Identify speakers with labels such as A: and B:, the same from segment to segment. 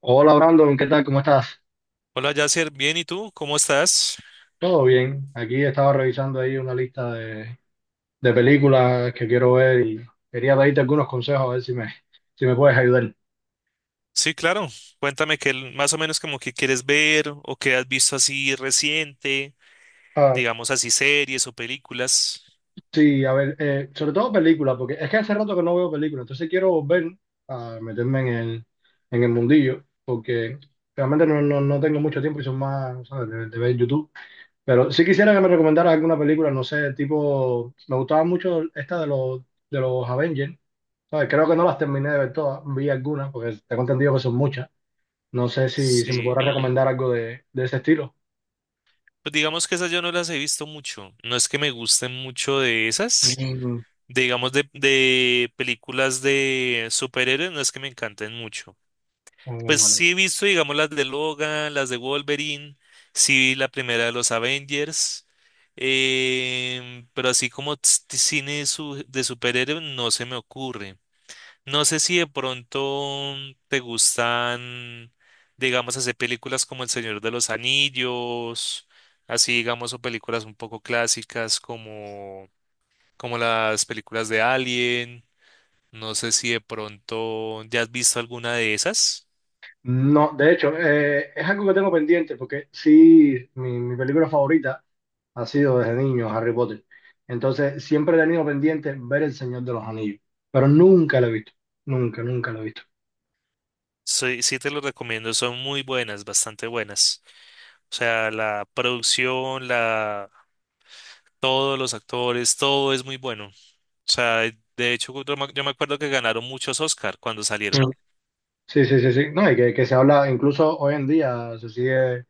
A: Hola Brandon, ¿qué tal? ¿Cómo estás?
B: Hola Yasser, bien, ¿y tú? ¿Cómo estás?
A: Todo bien. Aquí estaba revisando ahí una lista de películas que quiero ver y quería pedirte algunos consejos a ver si me puedes ayudar.
B: Sí, claro. Cuéntame que más o menos como que quieres ver o que has visto así reciente,
A: Ah,
B: digamos así series o películas.
A: sí, a ver, sobre todo películas, porque es que hace rato que no veo películas, entonces quiero volver a meterme en el mundillo, porque realmente no tengo mucho tiempo y son más, ¿sabes? De ver YouTube. Pero sí quisiera que me recomendaras alguna película, no sé, tipo, me gustaba mucho de los Avengers. No, y creo que no las terminé de ver todas, vi algunas, porque tengo entendido que son muchas. No sé si me
B: Sí.
A: podrás recomendar algo de ese estilo.
B: Pues digamos que esas yo no las he visto mucho. No es que me gusten mucho de esas.
A: Un-
B: Digamos de películas de superhéroes, no es que me encanten mucho. Pues
A: un-
B: sí he visto, digamos, las de Logan, las de Wolverine, sí vi la primera de los Avengers, pero así como de superhéroes no se me ocurre. No sé si de pronto te gustan, digamos, hacer películas como El Señor de los Anillos, así digamos, o películas un poco clásicas como las películas de Alien. No sé si de pronto ya has visto alguna de esas.
A: No, de hecho, es algo que tengo pendiente, porque sí, mi película favorita ha sido desde niño Harry Potter. Entonces, siempre he tenido pendiente ver El Señor de los Anillos, pero nunca lo he visto, nunca lo he visto.
B: Sí, sí te lo recomiendo, son muy buenas, bastante buenas. O sea, la producción, todos los actores, todo es muy bueno. O sea, de hecho, yo me acuerdo que ganaron muchos Oscar cuando salieron,
A: Mm. Sí, sí, sí, sí. No, y que se habla, incluso hoy en día se sigue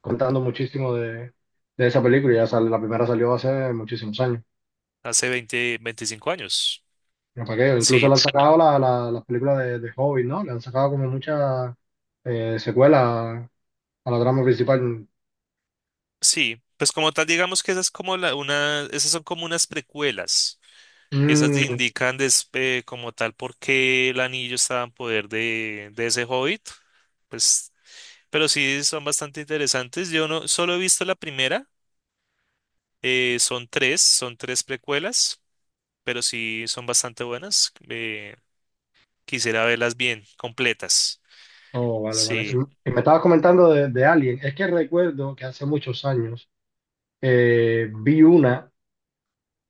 A: contando muchísimo de esa película. La primera salió hace muchísimos años.
B: hace 20, 25 años.
A: Ya pa' qué, incluso
B: Sí,
A: le han sacado las películas de Hobbit, ¿no? Le han sacado como muchas secuelas a la trama principal.
B: sí. Pues como tal, digamos que esas como esas son como unas precuelas. Esas
A: Mm,
B: te indican como tal por qué el anillo estaba en poder de ese hobbit. Pues, pero sí son bastante interesantes. Yo no solo he visto la primera. Son tres precuelas, pero sí son bastante buenas. Quisiera verlas bien, completas.
A: oh, vale, vale.
B: Sí.
A: Y me estabas comentando de Alien. Es que recuerdo que hace muchos años vi una,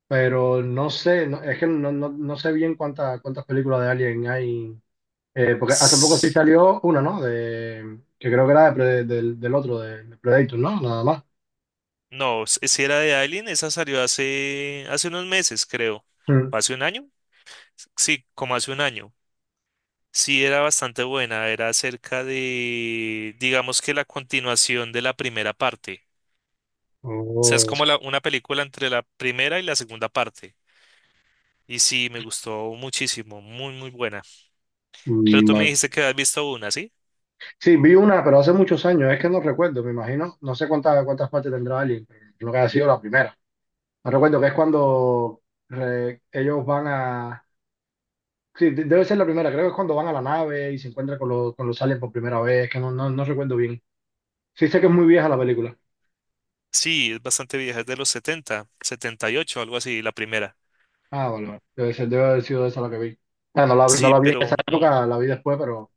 A: pero no sé, no- es que no, no, no sé bien cuántas películas de Alien hay. Porque hace poco sí
B: S-
A: salió una, ¿no? Que creo que era de Pre- del, del otro, de Predator, ¿no? Nada más.
B: No, si era de Alien, esa salió hace unos meses, creo.
A: Mm.
B: ¿O hace un año? Sí, como hace un año. Sí, era bastante buena. Era acerca de, digamos que la continuación de la primera parte. O sea, es
A: Oh,
B: como una película entre la primera y la segunda parte. Y sí, me gustó muchísimo, muy, muy buena. Pero
A: mm,
B: tú me
A: vale.
B: dijiste que has visto una, ¿sí?
A: Sí, vi una, pero hace muchos años, es que no recuerdo, me imagino, no sé cuántas partes tendrá Alien, pero creo que ha sido la primera. No recuerdo que es cuando ellos van a... Sí, debe ser la primera, creo que es cuando van a la nave y se encuentran con con los aliens por primera vez, que no recuerdo bien. Sí sé que es muy vieja la película.
B: Sí, es bastante vieja, es de los setenta, setenta y ocho, algo así, la primera.
A: Ah, vale, vale. Debe ser, debe haber sido esa la que vi. Ah, no la vi, no
B: Sí,
A: la vi en
B: pero,
A: esa época, la vi después, pero...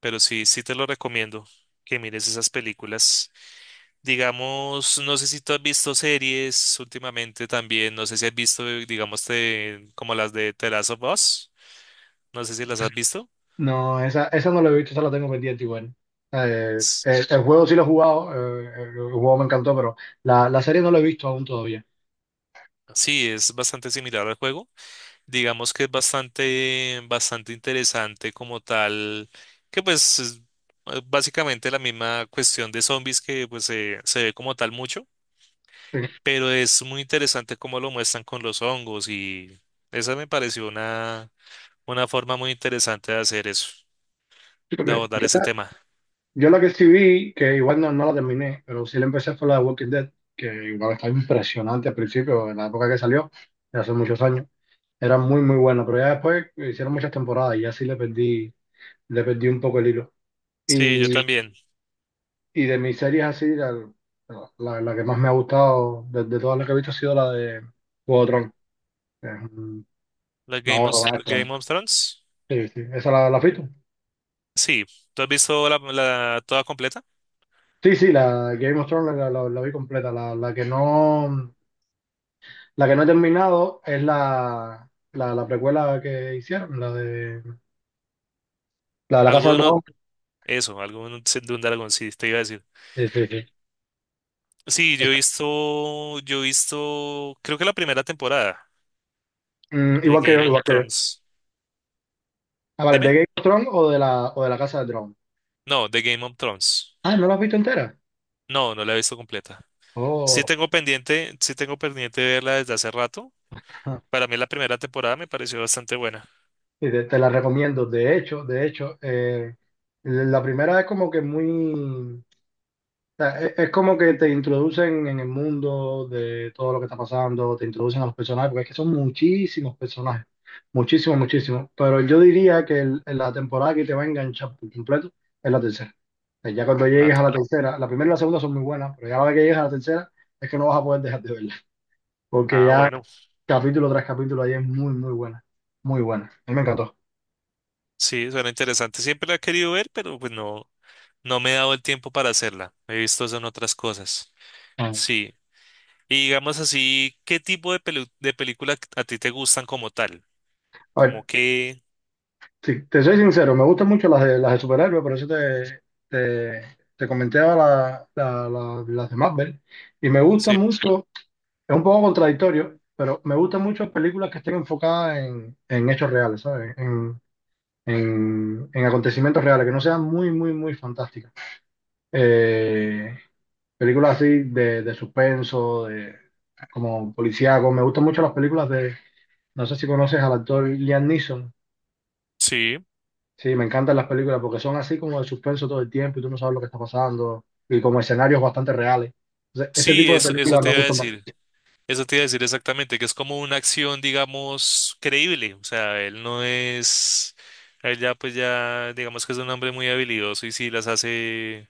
B: pero sí, sí te lo recomiendo que mires esas películas. Digamos, no sé si tú has visto series últimamente también, no sé si has visto, digamos, como las de The Last of Us, no sé si las has visto.
A: No, esa no la he visto, esa la tengo pendiente igual.
B: S-
A: El juego sí lo he jugado, el juego me encantó, pero la serie no la he visto aún todavía.
B: Sí, es bastante similar al juego. Digamos que es bastante, bastante interesante como tal, que pues es básicamente la misma cuestión de zombies que pues se ve como tal mucho,
A: Sí,
B: pero es muy interesante cómo lo muestran con los hongos y esa me pareció una forma muy interesante de hacer eso,
A: sí,
B: de
A: porque
B: abordar
A: Yo
B: ese
A: la
B: tema.
A: yo la que sí vi, que igual no, no la terminé, pero sí la empecé fue la de Walking Dead, que igual estaba impresionante al principio, en la época que salió, de hace muchos años. Era muy, muy buena, pero ya después hicieron muchas temporadas y ya sí le perdí un poco el hilo.
B: Sí, yo
A: Y
B: también.
A: Y de mis series así, la que más me ha gustado de todas las que he visto ha sido la de Juego de Tronos. que Es un-
B: La
A: una
B: Game of,
A: obra maestra.
B: Game of Thrones.
A: Sí, sí. ¿Esa la has visto?
B: Sí, ¿tú has visto la toda completa?
A: Sí, sí, la Game of Thrones la vi completa. La que no, la que no he terminado es la precuela que hicieron, la, de la Casa del
B: Alguno,
A: Dragón.
B: eso, alguno de un dragón, sí, te iba a decir.
A: Sí, sí, sí.
B: Sí, yo he visto, creo que la primera temporada
A: Mm,
B: de
A: igual que yo,
B: Game
A: igual
B: of
A: que yo.
B: Thrones.
A: Ah, vale, ¿de
B: ¿Dime?
A: Game of Thrones o de o de la Casa del Dragón?
B: No, de Game of Thrones.
A: Ah, ¿no la has visto entera?
B: No, no la he visto completa. Sí
A: Oh.
B: tengo pendiente, sí tengo pendiente verla desde hace rato. Para mí la primera temporada me pareció bastante buena.
A: Te la recomiendo. De hecho, la primera es como que muy, o sea, es, como que te introducen en el mundo de todo lo que está pasando, te introducen a los personajes, porque es que son muchísimos personajes, muchísimos, muchísimos. Pero yo diría que la temporada que te va a enganchar por completo es la tercera. O sea, ya cuando
B: La-
A: llegues a la tercera, la primera y la segunda son muy buenas, pero ya la vez que llegues a la tercera es que no vas a poder dejar de verla, porque
B: Ah,
A: ya
B: bueno,
A: capítulo tras capítulo ahí es muy, muy buena, muy buena. A mí me encantó.
B: sí, suena interesante. Siempre la he querido ver, pero pues no, no me he dado el tiempo para hacerla. He visto eso en otras cosas.
A: Ah.
B: Sí. Y digamos así, ¿qué tipo de de película a ti te gustan como tal?
A: A
B: Como
A: ver,
B: que...
A: sí, te soy sincero, me gustan mucho las de superhéroes, por eso te, te comenté a la- la- la- las de Marvel. Y me gusta
B: Sí.
A: mucho, es un poco contradictorio, pero me gustan mucho películas que estén enfocadas en hechos reales, ¿sabes? En acontecimientos reales, que no sean muy, muy, muy fantásticas. Eh, Películas así de suspenso, de, como policíaco. Me gustan mucho las películas de, no sé si conoces al actor Liam Neeson.
B: Sí.
A: Sí, me encantan las películas porque son así como de suspenso todo el tiempo y tú no sabes lo que está pasando y como escenarios bastante reales. Entonces, ese
B: Sí,
A: tipo de
B: eso
A: películas
B: te
A: me
B: iba a
A: gustan
B: decir.
A: bastante.
B: Eso te iba a decir exactamente, que es como una acción, digamos, creíble. O sea, él no es, él ya pues ya, digamos que es un hombre muy habilidoso y sí las hace,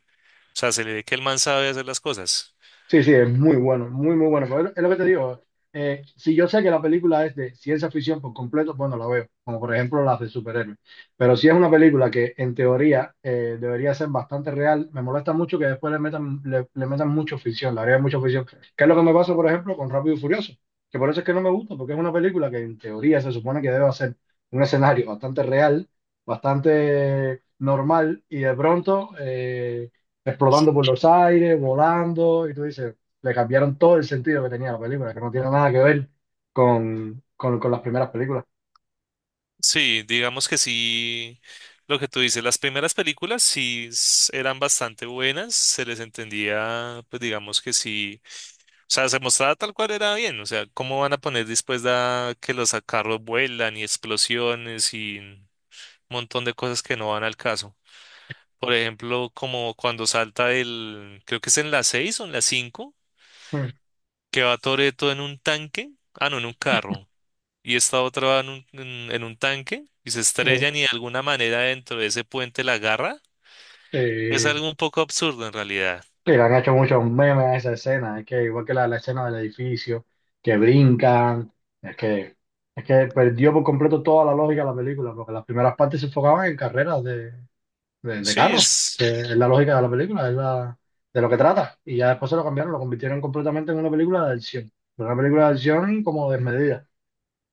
B: o sea, se le ve que el man sabe hacer las cosas.
A: Sí, sí, es muy bueno, muy, muy bueno. Pero es lo que te digo. Si yo sé que la película es de ciencia ficción por completo, bueno, la veo, como por ejemplo las de superhéroes. Pero si es una película que en teoría debería ser bastante real, me molesta mucho que después le metan mucho ficción, le haría mucha ficción. Que es lo que me pasa, por ejemplo, con Rápido y Furioso. Que por eso es que no me gusta, porque es una película que en teoría se supone que debe ser un escenario bastante real, bastante normal, y de pronto... explotando por los aires, volando, y tú dices, le cambiaron todo el sentido que tenía la película, que no tiene nada que ver con las primeras películas.
B: Sí, digamos que sí, lo que tú dices, las primeras películas sí eran bastante buenas, se les entendía, pues digamos que sí, o sea, se mostraba tal cual era bien, o sea, ¿cómo van a poner después da que los carros vuelan y explosiones y montón de cosas que no van al caso? Por ejemplo, como cuando salta el, creo que es en la 6 o en la 5
A: Mm.
B: que va Toretto en un tanque, ah, no, en un carro, y esta otra va en un tanque y se estrellan
A: Mm.
B: y de alguna manera dentro de ese puente la agarra. Es
A: Eh,
B: algo un poco absurdo en realidad.
A: y le han hecho muchos memes a esa escena, es que igual que la escena del edificio, que brincan, es que, es que perdió por completo toda la lógica de la película, porque las primeras partes se enfocaban en carreras de
B: Sí,
A: carros que es la lógica de la película, es la, de lo que trata. Y ya después se lo cambiaron, lo convirtieron completamente en una película de acción. Pero una película de acción como desmedida,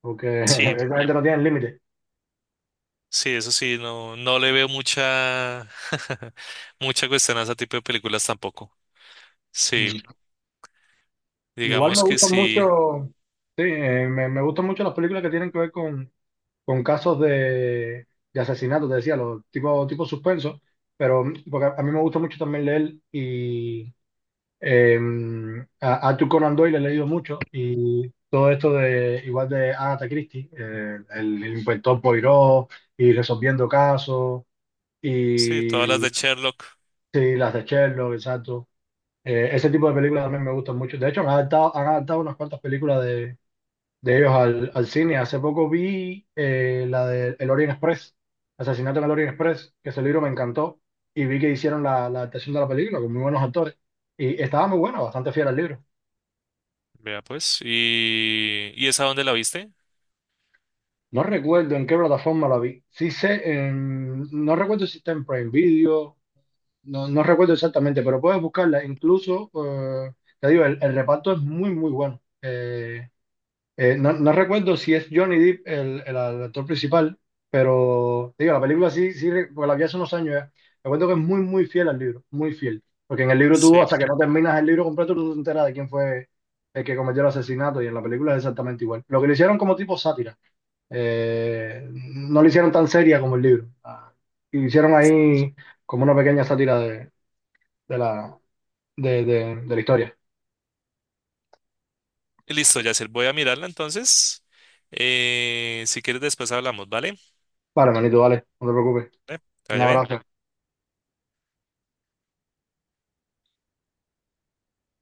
A: porque
B: sí,
A: esa gente no tiene límite.
B: sí, eso sí, no, no le veo mucha, mucha cuestión a ese tipo de películas tampoco. Sí,
A: Mm. Igual me
B: digamos que
A: gustan
B: sí,
A: mucho, sí, me gustan mucho las películas que tienen que ver con casos de asesinato, te decía, los tipo, tipo suspenso, pero porque a mí me gusta mucho también leer y Eh, a Arthur Conan Doyle he leído mucho y todo esto de igual de Agatha Christie, el inspector Poirot y resolviendo casos
B: sí, todas las
A: y
B: de Sherlock.
A: sí, las de Sherlock, exacto. Ese tipo de películas también me gustan mucho. De hecho, han adaptado unas cuantas películas de ellos al cine. Hace poco vi la de El Orient Express, Asesinato en el Orient Express, que ese libro me encantó y vi que hicieron la adaptación de la película con muy buenos actores y estaba muy bueno, bastante fiel al libro.
B: Vea pues. ¿Y esa dónde la viste?
A: No recuerdo en qué plataforma la vi. Sí sé, no recuerdo si está en Prime Video, no, no recuerdo exactamente, pero puedes buscarla. Incluso, te digo, el reparto es muy, muy bueno. No, no recuerdo si es Johnny Depp el actor principal, pero te digo, la película porque la vi hace unos años ya. Recuerdo que es muy, muy fiel al libro, muy fiel. Porque en el libro tú, hasta
B: Sí.
A: que no terminas el libro completo, tú no te enteras de quién fue el que cometió el asesinato y en la película es exactamente igual. Lo que le hicieron como tipo sátira no lo hicieron tan seria como el libro. Ah, hicieron ahí como una pequeña sátira de la, de la historia.
B: Listo, Yacel. Voy a mirarla entonces. Si quieres después hablamos, ¿vale?
A: Vale, manito, vale, no te preocupes.
B: Eh, que
A: Un
B: vaya bien.
A: abrazo.